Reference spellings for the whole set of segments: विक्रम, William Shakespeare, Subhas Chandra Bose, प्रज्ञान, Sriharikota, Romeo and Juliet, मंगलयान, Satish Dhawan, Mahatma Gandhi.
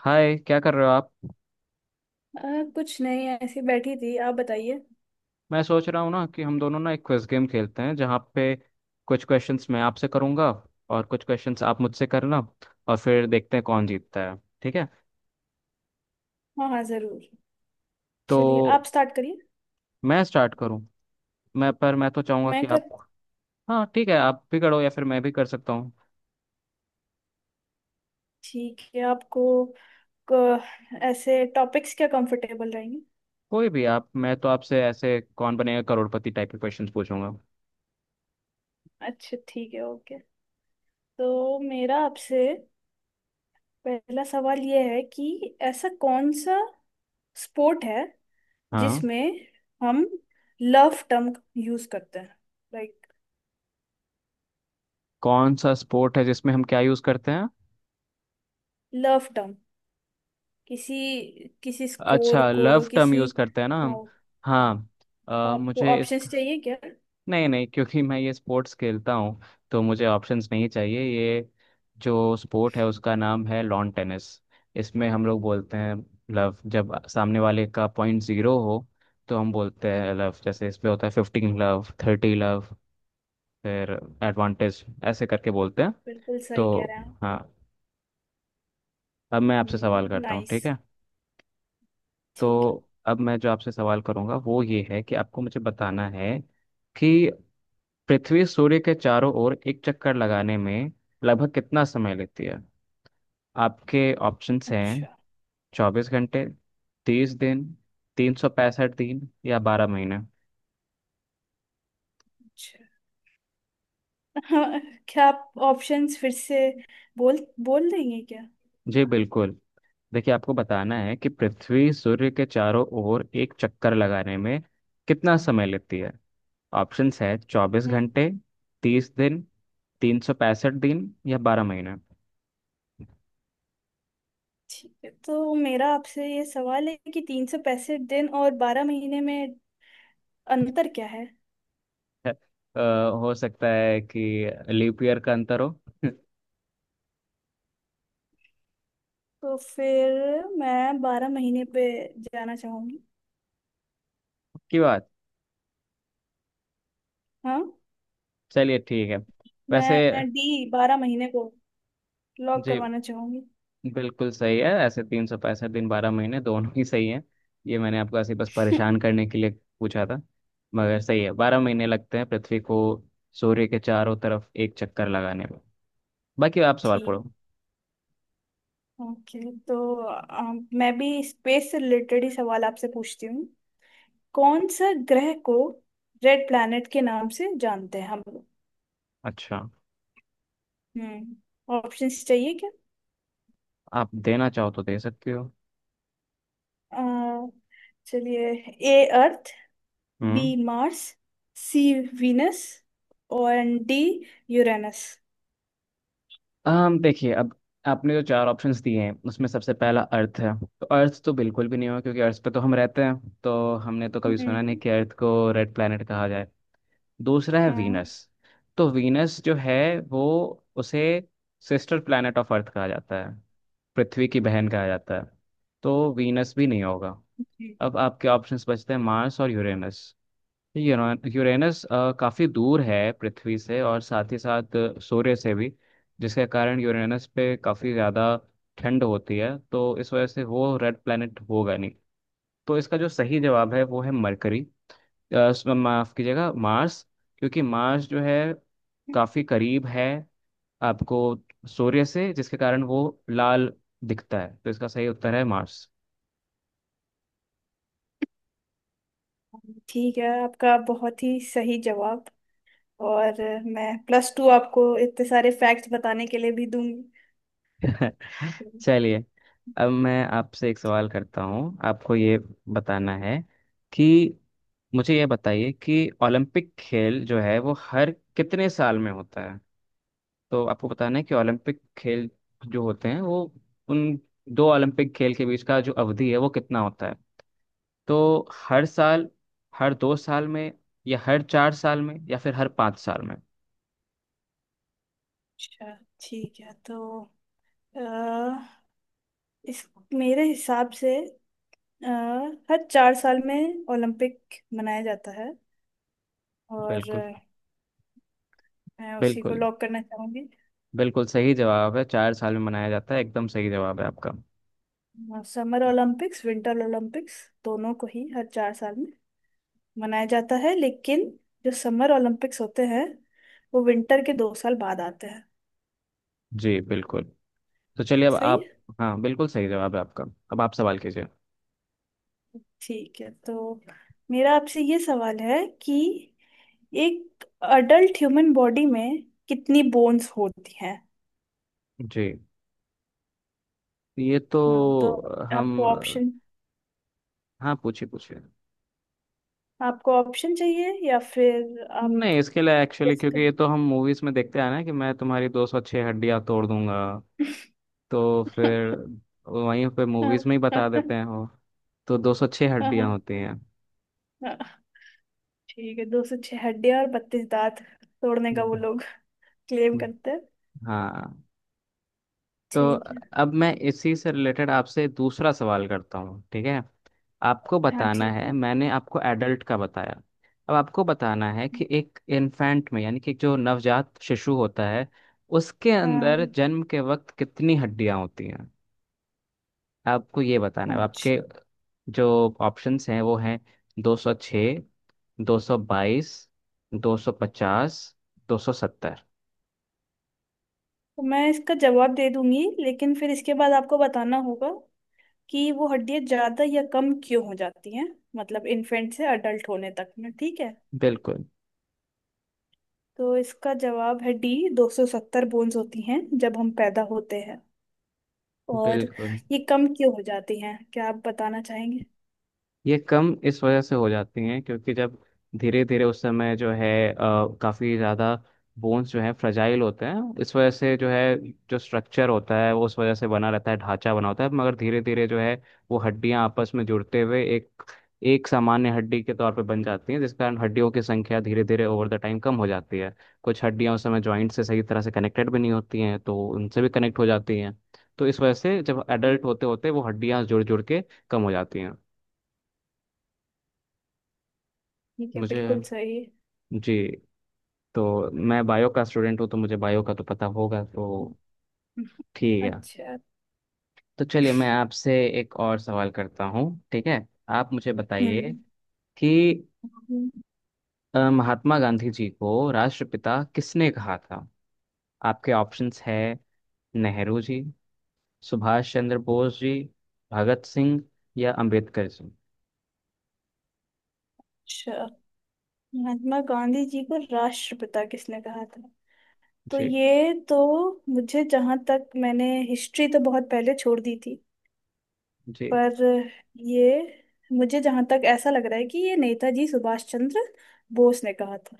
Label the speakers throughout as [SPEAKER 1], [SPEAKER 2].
[SPEAKER 1] हाय, क्या कर रहे हो आप।
[SPEAKER 2] अ, कुछ नहीं। ऐसे बैठी थी, आप बताइए।
[SPEAKER 1] मैं सोच रहा हूँ ना कि हम दोनों ना एक क्विज गेम खेलते हैं जहाँ पे कुछ क्वेश्चंस मैं आपसे करूँगा, और कुछ क्वेश्चंस आप मुझसे करना, और फिर देखते हैं कौन जीतता है। ठीक है?
[SPEAKER 2] हाँ हाँ, जरूर। चलिए,
[SPEAKER 1] तो
[SPEAKER 2] आप स्टार्ट करिए।
[SPEAKER 1] मैं स्टार्ट करूँ? मैं पर मैं तो चाहूँगा
[SPEAKER 2] मैं
[SPEAKER 1] कि आप...
[SPEAKER 2] कर।
[SPEAKER 1] हाँ ठीक है, आप भी करो या फिर मैं भी कर सकता हूँ।
[SPEAKER 2] ठीक है आपको क- ऐसे टॉपिक्स क्या कंफर्टेबल रहेंगे?
[SPEAKER 1] कोई भी आप, मैं तो आपसे ऐसे कौन बनेगा करोड़पति टाइप के क्वेश्चंस पूछूंगा।
[SPEAKER 2] अच्छा, ठीक है, ओके। तो मेरा आपसे पहला सवाल ये है कि ऐसा कौन सा स्पोर्ट है
[SPEAKER 1] हाँ।
[SPEAKER 2] जिसमें हम लव टर्म यूज करते हैं। लाइक
[SPEAKER 1] कौन सा स्पोर्ट है जिसमें हम क्या यूज़ करते हैं?
[SPEAKER 2] लव टर्म किसी किसी स्कोर
[SPEAKER 1] अच्छा,
[SPEAKER 2] को
[SPEAKER 1] लव टर्म
[SPEAKER 2] किसी।
[SPEAKER 1] यूज़ करते हैं ना
[SPEAKER 2] हाँ
[SPEAKER 1] हम?
[SPEAKER 2] हाँ।
[SPEAKER 1] हाँ।
[SPEAKER 2] आपको
[SPEAKER 1] मुझे इस...
[SPEAKER 2] ऑप्शंस चाहिए क्या?
[SPEAKER 1] नहीं नहीं, क्योंकि मैं ये स्पोर्ट्स खेलता हूँ, तो मुझे ऑप्शंस नहीं चाहिए। ये जो स्पोर्ट है उसका नाम है लॉन टेनिस। इसमें हम लोग बोलते हैं लव, जब सामने वाले का पॉइंट जीरो हो तो हम बोलते हैं लव। जैसे इसमें होता है 15 लव, 30 लव। फिर एडवांटेज ऐसे करके बोलते हैं।
[SPEAKER 2] बिल्कुल सही
[SPEAKER 1] तो
[SPEAKER 2] कह रहे
[SPEAKER 1] हाँ, अब मैं आपसे
[SPEAKER 2] हैं।
[SPEAKER 1] सवाल करता हूँ,
[SPEAKER 2] नाइस।
[SPEAKER 1] ठीक है?
[SPEAKER 2] ठीक है।
[SPEAKER 1] तो अब मैं जो आपसे सवाल करूँगा वो ये है कि आपको मुझे बताना है कि पृथ्वी सूर्य के चारों ओर एक चक्कर लगाने में लगभग कितना समय लेती है। आपके ऑप्शंस हैं
[SPEAKER 2] अच्छा।
[SPEAKER 1] 24 घंटे, 30 दिन, 365 दिन या 12 महीने।
[SPEAKER 2] अच्छा। हाँ। क्या आप ऑप्शंस फिर से बोल बोल देंगे क्या?
[SPEAKER 1] जी बिल्कुल, देखिए, आपको बताना है कि पृथ्वी सूर्य के चारों ओर एक चक्कर लगाने में कितना समय लेती है। ऑप्शंस है चौबीस
[SPEAKER 2] हम्म।
[SPEAKER 1] घंटे तीस दिन, तीन सौ पैंसठ दिन या बारह महीने।
[SPEAKER 2] ठीक है। तो मेरा आपसे ये सवाल है कि तीन सौ पैंसठ दिन और बारह महीने में अंतर क्या है?
[SPEAKER 1] अ, हो सकता है कि लीप ईयर का अंतर हो।
[SPEAKER 2] तो फिर मैं बारह महीने पे जाना चाहूंगी।
[SPEAKER 1] क्यों?
[SPEAKER 2] हाँ।
[SPEAKER 1] चलिए ठीक है। वैसे,
[SPEAKER 2] मैं डी बारह महीने को लॉक
[SPEAKER 1] जी
[SPEAKER 2] करवाना चाहूंगी।
[SPEAKER 1] बिल्कुल सही है ऐसे, 365 दिन, 12 महीने, दोनों ही सही है। ये मैंने आपको ऐसे बस परेशान करने के लिए पूछा था। मगर सही है, 12 महीने लगते हैं पृथ्वी को सूर्य के चारों तरफ एक चक्कर लगाने में। बाकी आप सवाल
[SPEAKER 2] ठीक।
[SPEAKER 1] पढ़ो।
[SPEAKER 2] ओके। तो मैं भी स्पेस से रिलेटेड ही सवाल आपसे पूछती हूँ। कौन सा ग्रह को रेड प्लैनेट के नाम से जानते हैं हम लोग?
[SPEAKER 1] अच्छा,
[SPEAKER 2] हम्म। ऑप्शंस चाहिए क्या?
[SPEAKER 1] आप देना चाहो तो दे सकते हो।
[SPEAKER 2] अ, चलिए। ए अर्थ, बी
[SPEAKER 1] हम्म।
[SPEAKER 2] मार्स, सी वीनस और डी यूरेनस।
[SPEAKER 1] हम देखिए, अब आपने जो चार ऑप्शंस दिए हैं उसमें सबसे पहला अर्थ है, तो अर्थ तो बिल्कुल भी नहीं होगा क्योंकि अर्थ पे तो हम रहते हैं। तो हमने तो कभी
[SPEAKER 2] हम्म।
[SPEAKER 1] सुना नहीं कि अर्थ को रेड प्लैनेट कहा। दूसरा है
[SPEAKER 2] हाँ।
[SPEAKER 1] वीनस। तो वीनस जो है, वो... उसे सिस्टर प्लैनेट ऑफ अर्थ कहा जाता है, पृथ्वी की बहन कहा जाता है। तो वीनस भी नहीं होगा।
[SPEAKER 2] जी।
[SPEAKER 1] अब आपके ऑप्शंस बचते हैं मार्स और यूरेनस। यूरेनस काफ़ी दूर है पृथ्वी से, और साथ ही साथ सूर्य से भी, जिसके कारण यूरेनस पे काफ़ी ज़्यादा ठंड होती है, तो इस वजह से वो रेड प्लैनेट होगा नहीं। तो इसका जो सही जवाब है वो है मरकरी, माफ कीजिएगा, मार्स। क्योंकि मार्स जो है काफी करीब है आपको सूर्य से, जिसके कारण वो लाल दिखता है, तो इसका सही उत्तर है मार्स।
[SPEAKER 2] ठीक है, आपका बहुत ही सही जवाब। और मैं प्लस टू आपको इतने सारे फैक्ट्स बताने के लिए भी दूंगी।
[SPEAKER 1] चलिए, अब मैं आपसे एक सवाल करता हूँ, आपको ये बताना है कि... मुझे ये बताइए कि ओलंपिक खेल जो है वो हर कितने साल में होता है। तो आपको बताना है कि ओलंपिक खेल जो होते हैं, वो... उन दो ओलंपिक खेल के बीच का जो अवधि है वो कितना होता है। तो हर साल, हर 2 साल में, या हर 4 साल में, या फिर हर 5 साल में।
[SPEAKER 2] अच्छा। ठीक है। तो अ, इस मेरे हिसाब से अ, हर चार साल में ओलंपिक मनाया जाता है। और
[SPEAKER 1] बिल्कुल,
[SPEAKER 2] मैं उसी को
[SPEAKER 1] बिल्कुल,
[SPEAKER 2] लॉक करना चाहूंगी।
[SPEAKER 1] बिल्कुल सही जवाब है, 4 साल में मनाया जाता है, एकदम सही जवाब है आपका।
[SPEAKER 2] समर ओलंपिक्स विंटर ओलंपिक्स दोनों को ही हर चार साल में मनाया जाता है। लेकिन जो समर ओलंपिक्स होते हैं वो विंटर के दो साल बाद आते हैं।
[SPEAKER 1] जी बिल्कुल, तो चलिए अब
[SPEAKER 2] सही
[SPEAKER 1] आप...
[SPEAKER 2] है?
[SPEAKER 1] हाँ बिल्कुल सही जवाब है आपका, अब आप सवाल कीजिए।
[SPEAKER 2] ठीक है। तो मेरा आपसे ये सवाल है कि एक अडल्ट ह्यूमन बॉडी में कितनी बोन्स होती हैं?
[SPEAKER 1] जी, ये तो
[SPEAKER 2] हाँ तो
[SPEAKER 1] हम...
[SPEAKER 2] आपको ऑप्शन
[SPEAKER 1] हाँ पूछिए, पूछिए।
[SPEAKER 2] आपको ऑप्शन चाहिए या फिर आप
[SPEAKER 1] नहीं, इसके लिए एक्चुअली,
[SPEAKER 2] गेस
[SPEAKER 1] क्योंकि
[SPEAKER 2] कर?
[SPEAKER 1] ये तो हम मूवीज में देखते हैं ना कि मैं तुम्हारी 206 हड्डियां तोड़ दूंगा। तो फिर वहीं पे मूवीज में ही बता देते हैं वो। तो 206 हड्डियाँ होती हैं।
[SPEAKER 2] ठीक है। दो सौ छह हड्डियां और बत्तीस दांत तोड़ने का वो
[SPEAKER 1] हम्म।
[SPEAKER 2] लोग क्लेम करते हैं।
[SPEAKER 1] हाँ, तो
[SPEAKER 2] ठीक है।
[SPEAKER 1] अब मैं इसी से रिलेटेड आपसे दूसरा सवाल करता हूँ, ठीक है? आपको
[SPEAKER 2] हाँ,
[SPEAKER 1] बताना
[SPEAKER 2] ठीक
[SPEAKER 1] है,
[SPEAKER 2] है।
[SPEAKER 1] मैंने आपको एडल्ट का बताया। अब आपको बताना है कि एक इन्फेंट में, यानी कि जो नवजात शिशु होता है, उसके अंदर
[SPEAKER 2] हाँ।
[SPEAKER 1] जन्म के वक्त कितनी हड्डियां होती हैं। आपको ये बताना है।
[SPEAKER 2] अच्छा,
[SPEAKER 1] आपके जो ऑप्शंस हैं वो हैं 206, 222, 250, 270।
[SPEAKER 2] तो मैं इसका जवाब दे दूंगी, लेकिन फिर इसके बाद आपको बताना होगा कि वो हड्डियां ज्यादा या कम क्यों हो जाती हैं। मतलब इन्फेंट से अडल्ट होने तक में। ठीक है?
[SPEAKER 1] बिल्कुल,
[SPEAKER 2] तो इसका जवाब है डी। 270 बोन्स होती हैं जब हम पैदा होते हैं। और
[SPEAKER 1] बिल्कुल।
[SPEAKER 2] ये कम क्यों हो जाती हैं, क्या आप बताना चाहेंगे?
[SPEAKER 1] ये कम इस वजह से हो जाती हैं क्योंकि जब धीरे धीरे उस समय जो है अ, काफी ज्यादा बोन्स जो है फ्रजाइल होते हैं, इस वजह से जो है जो स्ट्रक्चर होता है वो उस वजह से बना रहता है, ढांचा बना होता है। मगर धीरे धीरे जो है वो हड्डियां आपस में जुड़ते हुए एक एक सामान्य हड्डी के तौर पर बन जाती हैं, जिस कारण हड्डियों की संख्या धीरे धीरे ओवर द टाइम कम हो जाती है। कुछ हड्डियां उस समय जॉइंट से सही तरह से कनेक्टेड भी नहीं होती हैं, तो उनसे भी कनेक्ट हो जाती हैं। तो इस वजह से जब एडल्ट होते होते वो हड्डियां जुड़ जुड़ के कम हो जाती हैं।
[SPEAKER 2] ठीक है,
[SPEAKER 1] मुझे
[SPEAKER 2] बिल्कुल सही।
[SPEAKER 1] जी, तो मैं बायो का स्टूडेंट हूँ तो मुझे बायो का तो पता होगा, तो ठीक है।
[SPEAKER 2] अच्छा।
[SPEAKER 1] तो चलिए मैं आपसे एक और सवाल करता हूँ, ठीक है? आप मुझे बताइए
[SPEAKER 2] हम्म।
[SPEAKER 1] कि
[SPEAKER 2] अच्छा।
[SPEAKER 1] महात्मा गांधी जी को राष्ट्रपिता किसने कहा था? आपके ऑप्शंस है नेहरू जी, सुभाष चंद्र बोस जी, भगत सिंह या अंबेडकर जी।
[SPEAKER 2] महात्मा गांधी जी को राष्ट्रपिता किसने कहा था? तो
[SPEAKER 1] जी।
[SPEAKER 2] ये तो मुझे जहां तक, मैंने हिस्ट्री तो बहुत पहले छोड़ दी थी।
[SPEAKER 1] जी
[SPEAKER 2] पर ये मुझे जहां तक ऐसा लग रहा है कि ये नेताजी सुभाष चंद्र बोस ने कहा था।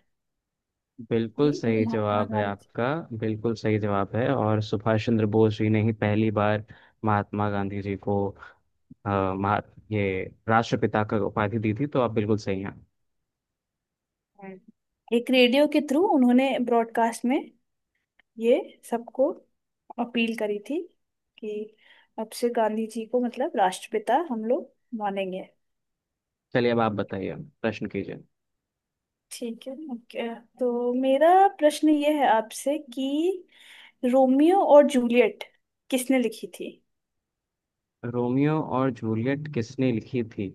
[SPEAKER 1] बिल्कुल
[SPEAKER 2] ये
[SPEAKER 1] सही
[SPEAKER 2] महात्मा
[SPEAKER 1] जवाब है
[SPEAKER 2] गांधी।
[SPEAKER 1] आपका, बिल्कुल सही जवाब है। और सुभाष चंद्र बोस जी ने ही पहली बार महात्मा गांधी जी को अ, महा ये राष्ट्रपिता का उपाधि दी थी, तो आप बिल्कुल सही हैं।
[SPEAKER 2] एक रेडियो के थ्रू उन्होंने ब्रॉडकास्ट में ये सबको अपील करी थी कि अब से गांधी जी को मतलब राष्ट्रपिता हम लोग मानेंगे।
[SPEAKER 1] चलिए अब आप बताइए, प्रश्न कीजिए।
[SPEAKER 2] ठीक है, ओके। तो मेरा प्रश्न ये है आपसे कि रोमियो और जूलियट किसने लिखी थी?
[SPEAKER 1] रोमियो और जूलियट किसने लिखी थी?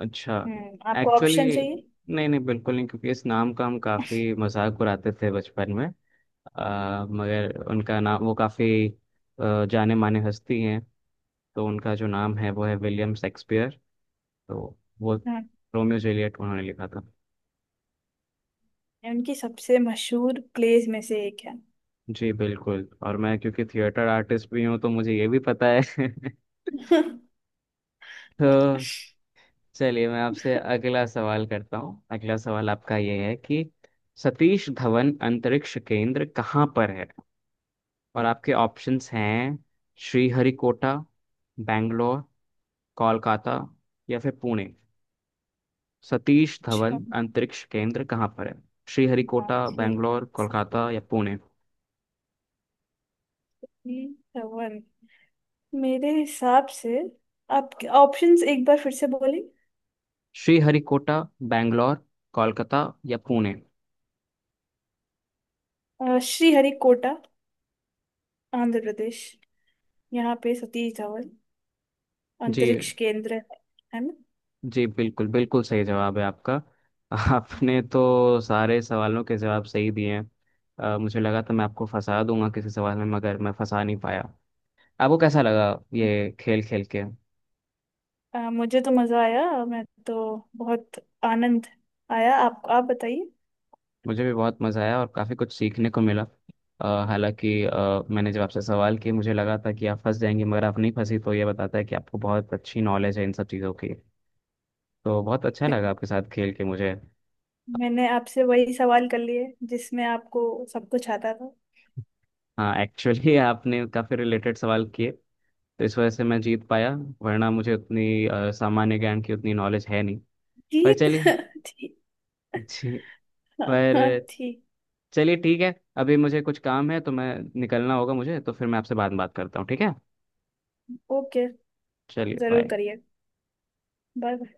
[SPEAKER 1] अच्छा,
[SPEAKER 2] हम्म, आपको
[SPEAKER 1] एक्चुअली
[SPEAKER 2] ऑप्शन चाहिए?
[SPEAKER 1] नहीं नहीं, बिल्कुल नहीं, क्योंकि इस नाम का हम काफी मजाक उड़ाते थे बचपन में। मगर उनका नाम वो काफी जाने माने हस्ती हैं। तो उनका जो नाम है वो है विलियम शेक्सपियर। तो वो रोमियो जूलियट उन्होंने लिखा था।
[SPEAKER 2] ये उनकी सबसे मशहूर प्लेस में से एक है।
[SPEAKER 1] जी बिल्कुल, और मैं क्योंकि थिएटर आर्टिस्ट भी हूँ तो मुझे ये भी पता है। तो चलिए मैं आपसे अगला सवाल करता हूँ। अगला सवाल आपका ये है कि सतीश धवन अंतरिक्ष केंद्र कहाँ पर है? और आपके ऑप्शंस हैं श्रीहरिकोटा, बैंगलोर, कोलकाता या फिर पुणे। सतीश धवन
[SPEAKER 2] अच्छा।
[SPEAKER 1] अंतरिक्ष केंद्र कहाँ पर है?
[SPEAKER 2] हाँ
[SPEAKER 1] श्रीहरिकोटा,
[SPEAKER 2] ठीक है,
[SPEAKER 1] बैंगलोर, कोलकाता
[SPEAKER 2] सावित्री
[SPEAKER 1] या पुणे।
[SPEAKER 2] धवन मेरे हिसाब से। आप ऑप्शंस एक बार फिर से बोले।
[SPEAKER 1] श्रीहरिकोटा, बैंगलोर, कोलकाता या पुणे।
[SPEAKER 2] श्रीहरिकोटा, आंध्र प्रदेश, यहाँ पे सतीश धवन
[SPEAKER 1] जी।
[SPEAKER 2] अंतरिक्ष केंद्र है। है ना?
[SPEAKER 1] जी बिल्कुल, बिल्कुल सही जवाब है आपका। आपने तो सारे सवालों के जवाब सही दिए हैं। मुझे लगा था मैं आपको फंसा दूंगा किसी सवाल में, मगर मैं फंसा नहीं पाया। आपको कैसा लगा ये खेल खेल के?
[SPEAKER 2] मुझे तो मजा आया, मैं तो बहुत आनंद आया। आप बताइए।
[SPEAKER 1] मुझे भी बहुत मज़ा आया और काफ़ी कुछ सीखने को मिला। हालांकि मैंने जब आपसे सवाल किए मुझे लगा था कि आप फंस जाएंगे, मगर आप नहीं फंसी, तो ये बताता है कि आपको बहुत अच्छी नॉलेज है इन सब चीज़ों की। तो बहुत अच्छा लगा आपके साथ खेल के मुझे।
[SPEAKER 2] मैंने आपसे वही सवाल कर लिए जिसमें आपको सब कुछ आता था।
[SPEAKER 1] हाँ एक्चुअली, आपने काफ़ी रिलेटेड सवाल किए, तो इस वजह से मैं जीत पाया, वरना मुझे उतनी सामान्य ज्ञान की उतनी नॉलेज है नहीं। पर
[SPEAKER 2] जीत।
[SPEAKER 1] चलिए।
[SPEAKER 2] ठीक।
[SPEAKER 1] जी।
[SPEAKER 2] हाँ।
[SPEAKER 1] पर
[SPEAKER 2] हाँ, ठीक।
[SPEAKER 1] चलिए, ठीक है, अभी मुझे कुछ काम है तो मैं निकलना होगा मुझे, तो फिर मैं आपसे बाद में बात करता हूँ, ठीक है?
[SPEAKER 2] ओके।
[SPEAKER 1] चलिए,
[SPEAKER 2] जरूर
[SPEAKER 1] बाय।
[SPEAKER 2] करिए। बाय।